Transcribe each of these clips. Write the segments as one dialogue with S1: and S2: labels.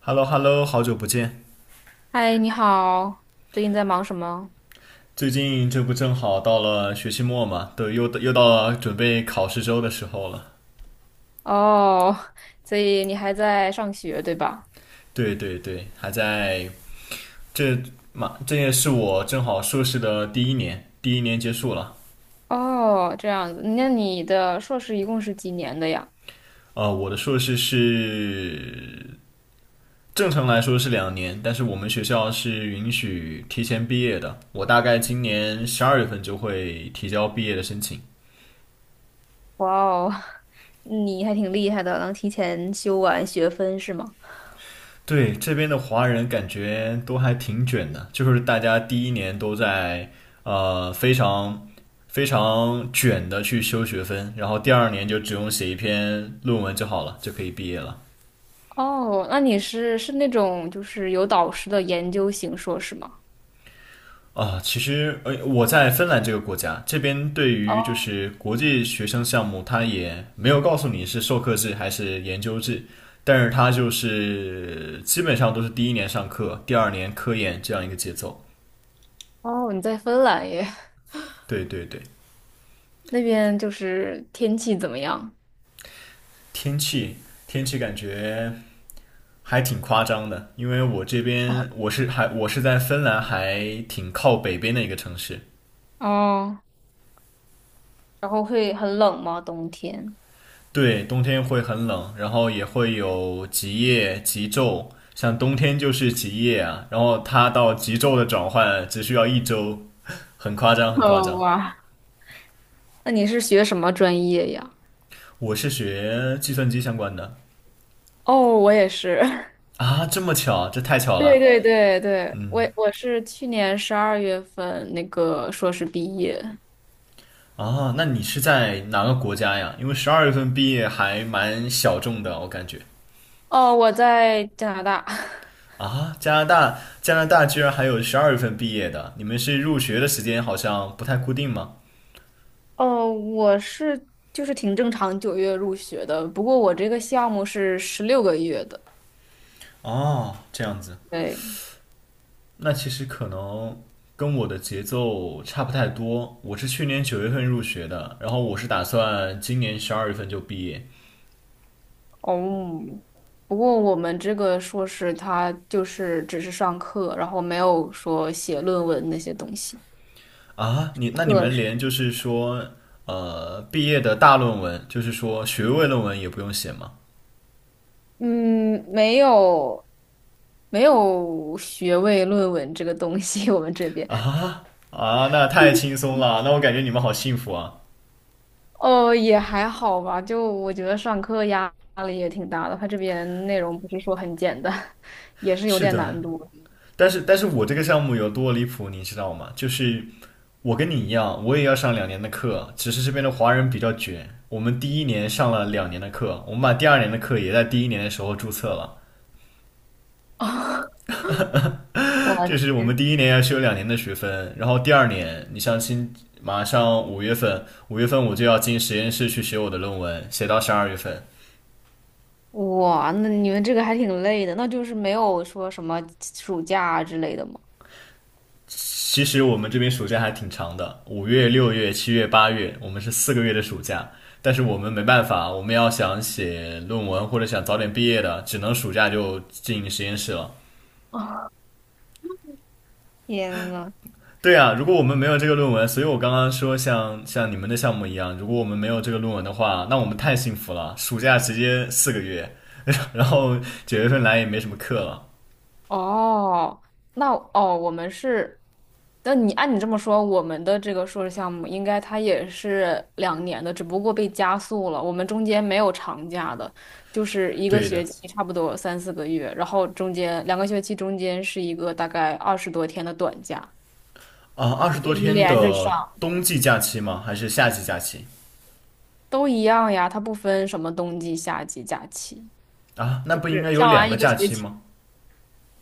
S1: Hello Hello，好久不见。
S2: 嗨，你好，最近在忙什么？
S1: 最近这不正好到了学期末嘛，都又到了准备考试周的时候了。
S2: 哦，所以你还在上学，对吧？
S1: 对对对，还在这嘛，这也是我正好硕士的第一年，第一年结束了。
S2: 哦，这样子，那你的硕士一共是几年的呀？
S1: 我的硕士是正常来说是两年，但是我们学校是允许提前毕业的。我大概今年十二月份就会提交毕业的申请。
S2: 哇哦，你还挺厉害的，能提前修完学分是吗？
S1: 对，这边的华人感觉都还挺卷的，就是大家第一年都在非常非常卷的去修学分，然后第二年就只用写1篇论文就好了，就可以毕业了。
S2: 哦，那你是那种就是有导师的研究型硕士吗？
S1: 啊，其实我在芬兰这个国家，这边对于
S2: 哦
S1: 就是国际学生项目，它也没有告诉你是授课制还是研究制，但是它就是基本上都是第一年上课，第二年科研这样一个节奏。
S2: 哦，你在芬兰耶，
S1: 对对对。
S2: 那边就是天气怎么样？
S1: 天气，天气感觉还挺夸张的，因为我这边我是在芬兰，还挺靠北边的一个城市。
S2: 哦，然后会很冷吗？冬天？
S1: 对，冬天会很冷，然后也会有极夜、极昼，像冬天就是极夜啊，然后它到极昼的转换只需要1周，很夸张，很夸
S2: 哦，
S1: 张。
S2: 哇，那你是学什么专业呀？
S1: 我是学计算机相关的
S2: 哦，我也是。
S1: 啊，这么巧，这太巧
S2: 对
S1: 了。
S2: 对对对，我
S1: 嗯，
S2: 我是去年十二月份那个硕士毕业。
S1: 啊，那你是在哪个国家呀？因为十二月份毕业还蛮小众的，我感觉。
S2: 哦，我在加拿大。
S1: 啊，加拿大，加拿大居然还有十二月份毕业的，你们是入学的时间好像不太固定吗？
S2: 哦，我是就是挺正常，九月入学的。不过我这个项目是十六个月的。
S1: 哦，这样子，
S2: 对，
S1: 那其实可能跟我的节奏差不太多。我是去年九月份入学的，然后我是打算今年十二月份就毕业
S2: 哦，不过我们这个硕士他就是只是上课，然后没有说写论文那些东西。
S1: 啊。你那你
S2: 课
S1: 们连就是说，毕业的大论文，就是说学位论文也不用写吗？
S2: 嗯，没有，没有学位论文这个东西，我们这边
S1: 啊，那太轻松了，那我感觉你们好幸福啊。
S2: 哦也还好吧，就我觉得上课压力也挺大的，他这边内容不是说很简单，也是有
S1: 是
S2: 点
S1: 的，
S2: 难度。
S1: 但是我这个项目有多离谱，你知道吗？就是我跟你一样，我也要上两年的课，只是这边的华人比较卷。我们第一年上了两年的课，我们把第二年的课也在第一年的时候注册了。
S2: 我
S1: 就是我们第一年要修2年的学分，然后第二年，你像新马上五月份，五月份我就要进实验室去写我的论文，写到十二月份。
S2: 哇，那你们这个还挺累的，那就是没有说什么暑假之类的吗？
S1: 其实我们这边暑假还挺长的，5月、6月、7月、8月，我们是4个月的暑假。但是我们没办法，我们要想写论文或者想早点毕业的，只能暑假就进实验室了。
S2: 天呐，
S1: 对啊，如果我们没有这个论文，所以我刚刚说像你们的项目一样，如果我们没有这个论文的话，那我们太幸福了，暑假直接四个月，然后九月份来也没什么课了。
S2: 哦，那哦，我们是，那你按你这么说，我们的这个硕士项目应该它也是两年的，只不过被加速了。我们中间没有长假的，就是一个
S1: 对
S2: 学
S1: 的，
S2: 期差不多三四个月，然后中间两个学期中间是一个大概二十多天的短假，
S1: 啊，二
S2: 就
S1: 十多
S2: 一直
S1: 天
S2: 连着上，
S1: 的冬季假期吗？还是夏季假期？
S2: 都一样呀，它不分什么冬季、夏季假期，
S1: 啊，那不应
S2: 是
S1: 该有
S2: 上
S1: 两
S2: 完
S1: 个
S2: 一个
S1: 假
S2: 学
S1: 期
S2: 期。
S1: 吗？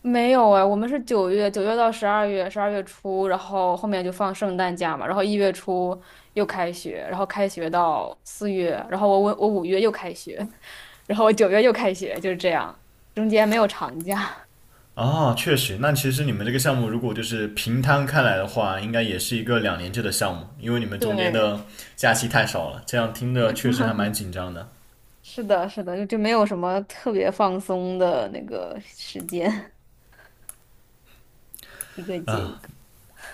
S2: 没有哎，我们是九月，九月到十二月，十二月初，然后后面就放圣诞假嘛，然后一月初又开学，然后开学到四月，然后我五月又开学，然后我九月又开学，就是这样，中间没有长假。
S1: 啊，确实，那其实你们这个项目如果就是平摊开来的话，应该也是一个2年制的项目，因为你 们中间
S2: 对，
S1: 的假期太少了，这样听着确实还蛮紧张的。
S2: 是的，是的，就没有什么特别放松的那个时间，一个接一个。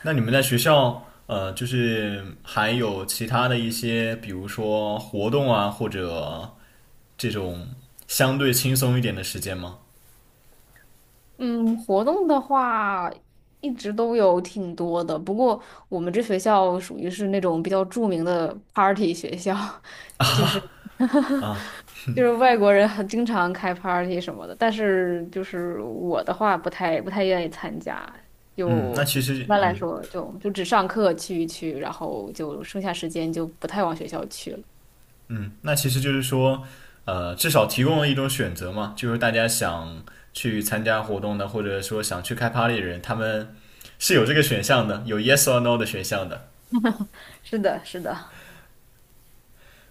S1: 那你们在学校，就是还有其他的一些，比如说活动啊，或者这种相对轻松一点的时间吗？
S2: 嗯，活动的话一直都有挺多的，不过我们这学校属于是那种比较著名的 party 学校，就是 就是外国人很经常开 party 什么的，但是就是我的话不太愿意参加，
S1: 嗯，
S2: 就
S1: 那其实，
S2: 一般来
S1: 嗯。
S2: 说就只上课去一去，然后就剩下时间就不太往学校去了。
S1: 嗯，那其实就是说，至少提供了一种选择嘛，就是大家想去参加活动的，或者说想去开 party 的人，他们是有这个选项的，有 yes or no 的选项的。
S2: 是的，是的。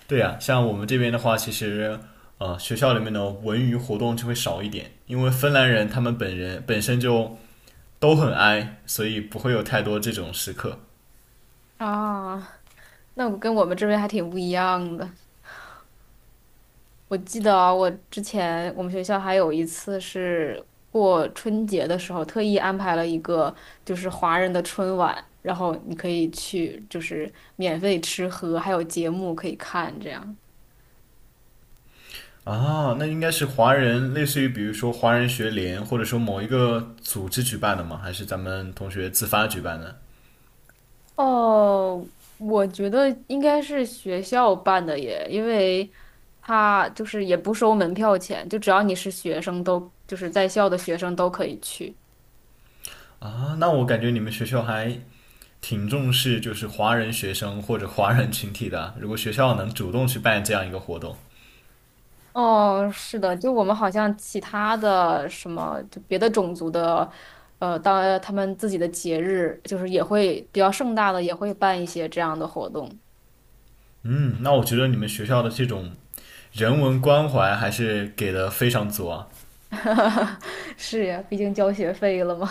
S1: 对呀、像我们这边的话，其实学校里面的文娱活动就会少一点，因为芬兰人他们本身就都很 i,所以不会有太多这种时刻。
S2: 啊，那我跟我们这边还挺不一样的。我记得啊我之前我们学校还有一次是过春节的时候，特意安排了一个就是华人的春晚，然后你可以去就是免费吃喝，还有节目可以看这样。
S1: 啊，那应该是华人，类似于比如说华人学联，或者说某一个组织举办的吗？还是咱们同学自发举办的？
S2: 哦，我觉得应该是学校办的耶，因为他就是也不收门票钱，就只要你是学生都就是在校的学生都可以去。
S1: 啊，那我感觉你们学校还挺重视就是华人学生或者华人群体的啊。如果学校能主动去办这样一个活动，
S2: 哦，是的，就我们好像其他的什么，就别的种族的，他们自己的节日，就是也会比较盛大的，也会办一些这样的活动。
S1: 嗯，那我觉得你们学校的这种人文关怀还是给的非常足啊。
S2: 是呀，毕竟交学费了嘛。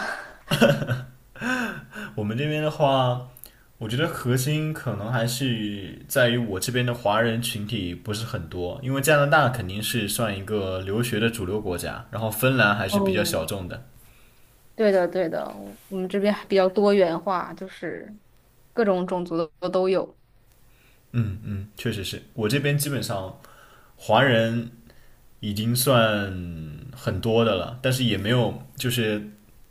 S1: 我们这边的话，我觉得核心可能还是在于我这边的华人群体不是很多，因为加拿大肯定是算一个留学的主流国家，然后芬兰还是比较
S2: 哦，
S1: 小众的。
S2: 对的，对的，我们这边比较多元化，就是各种种族的都有。
S1: 嗯嗯，确实是我这边基本上华人已经算很多的了，但是也没有就是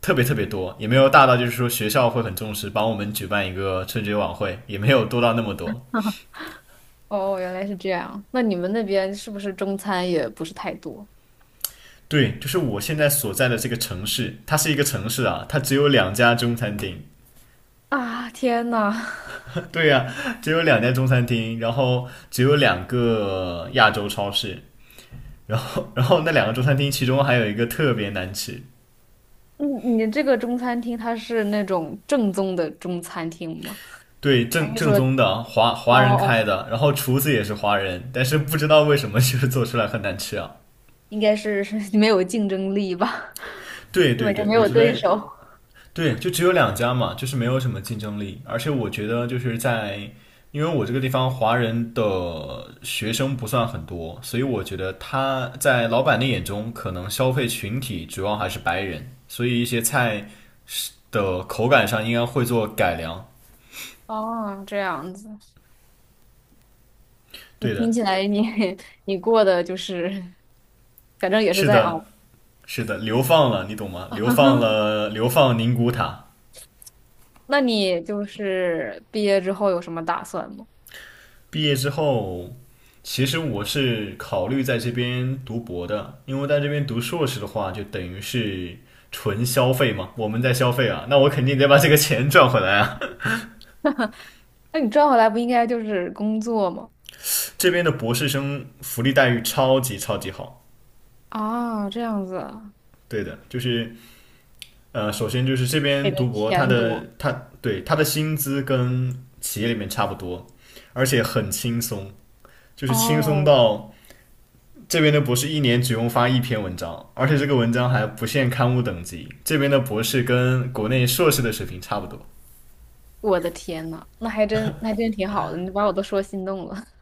S1: 特别特别多，也没有大到就是说学校会很重视帮我们举办一个春节晚会，也没有多到那么多。
S2: 哦，原来是这样。那你们那边是不是中餐也不是太多
S1: 对，就是我现在所在的这个城市，它是一个城市啊，它只有两家中餐厅
S2: 啊？天呐！
S1: 对呀、只有两家中餐厅，然后只有2个亚洲超市，然后那两个中餐厅其中还有一个特别难吃，
S2: 嗯，你这个中餐厅它是那种正宗的中餐厅吗？
S1: 对，
S2: 还
S1: 正
S2: 是
S1: 正
S2: 说，
S1: 宗的华
S2: 哦
S1: 华人
S2: 哦，
S1: 开的，然后厨子也是华人，但是不知道为什么 就是做出来很难吃啊。
S2: 应该是 没有竞争力吧，
S1: 对
S2: 根
S1: 对
S2: 本就
S1: 对，
S2: 没
S1: 我
S2: 有
S1: 觉
S2: 对
S1: 得
S2: 手。
S1: 对，就只有两家嘛，就是没有什么竞争力，而且我觉得就是在。因为我这个地方华人的学生不算很多，所以我觉得他在老板的眼中，可能消费群体主要还是白人，所以一些菜是的口感上应该会做改良。
S2: 哦，这样子，你
S1: 对的，
S2: 听起来你 你过的就是，反正也是
S1: 是
S2: 在
S1: 的，
S2: 熬。
S1: 是的，流放了，你懂吗？流放 了，流放宁古塔。
S2: 那你就是毕业之后有什么打算吗？
S1: 毕业之后，其实我是考虑在这边读博的，因为在这边读硕士的话，就等于是纯消费嘛，我们在消费啊，那我肯定得把这个钱赚回来啊。
S2: 那你赚回来不应该就是工作吗？
S1: 这边的博士生福利待遇超级超级好，
S2: 啊，这样子啊
S1: 对的，就是首先就是这
S2: 给
S1: 边
S2: 的
S1: 读博，他
S2: 钱
S1: 的
S2: 多。
S1: 他对，他的薪资跟企业里面差不多，而且很轻松，就是轻松
S2: 哦，
S1: 到。这边的博士一年只用发1篇文章，而且这个文章还不限刊物等级。这边的博士跟国内硕士的水平差不多。
S2: 我的天呐，那还真那还真挺好的，你把我都说心动了。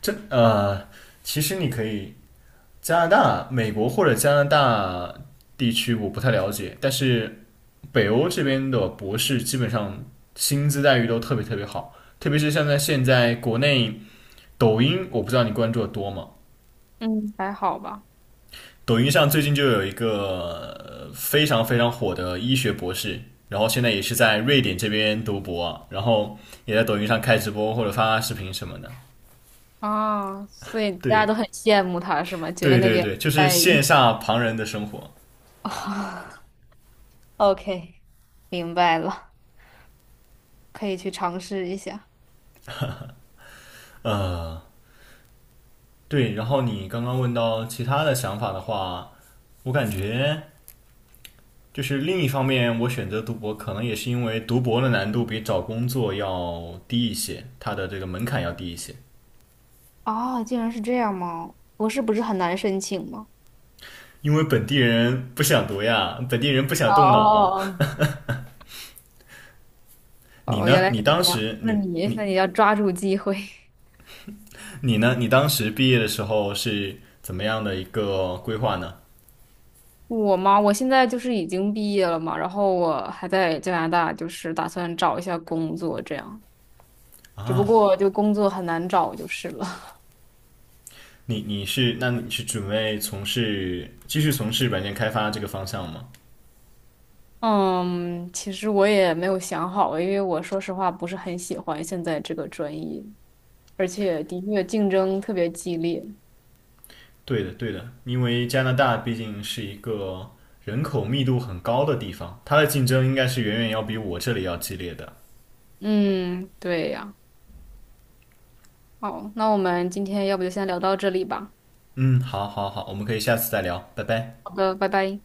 S1: 这，其实你可以加拿大、美国或者加拿大地区我不太了解，但是北欧这边的博士基本上薪资待遇都特别特别好，特别是像在现在国内抖音，我不知道你关注的多吗？
S2: 嗯，还好吧。
S1: 抖音上最近就有一个非常非常火的医学博士，然后现在也是在瑞典这边读博啊，然后也在抖音上开直播或者发视频什么的。
S2: 啊，所以大家
S1: 对，
S2: 都很羡慕他是吗？觉得
S1: 对
S2: 那
S1: 对
S2: 边
S1: 对，就是
S2: 待
S1: 羡
S2: 遇
S1: 煞旁人的生活。
S2: 啊 ，OK，明白了，可以去尝试一下。
S1: 呃，对，然后你刚刚问到其他的想法的话，我感觉就是另一方面，我选择读博可能也是因为读博的难度比找工作要低一些，它的这个门槛要低一些。
S2: 哦，竟然是这样吗？博士不是很难申请吗？
S1: 因为本地人不想读呀，本地人不想
S2: 哦
S1: 动脑。
S2: 哦
S1: 你
S2: 哦，哦，原
S1: 呢？
S2: 来是
S1: 你当
S2: 这样。
S1: 时
S2: 那你要抓住机会。
S1: 你当时毕业的时候是怎么样的一个规划呢？
S2: 我嘛，我现在就是已经毕业了嘛，然后我还在加拿大，就是打算找一下工作这样。只不
S1: 啊，
S2: 过就工作很难找就是了。
S1: 你你是那你是准备继续从事软件开发这个方向吗？
S2: 嗯，其实我也没有想好，因为我说实话不是很喜欢现在这个专业，而且的确竞争特别激烈。
S1: 对的，对的，因为加拿大毕竟是一个人口密度很高的地方，它的竞争应该是远远要比我这里要激烈的。
S2: 嗯，对呀。好，那我们今天要不就先聊到这里吧。
S1: 嗯，好，好，好，我们可以下次再聊，拜拜。
S2: 好的，拜拜。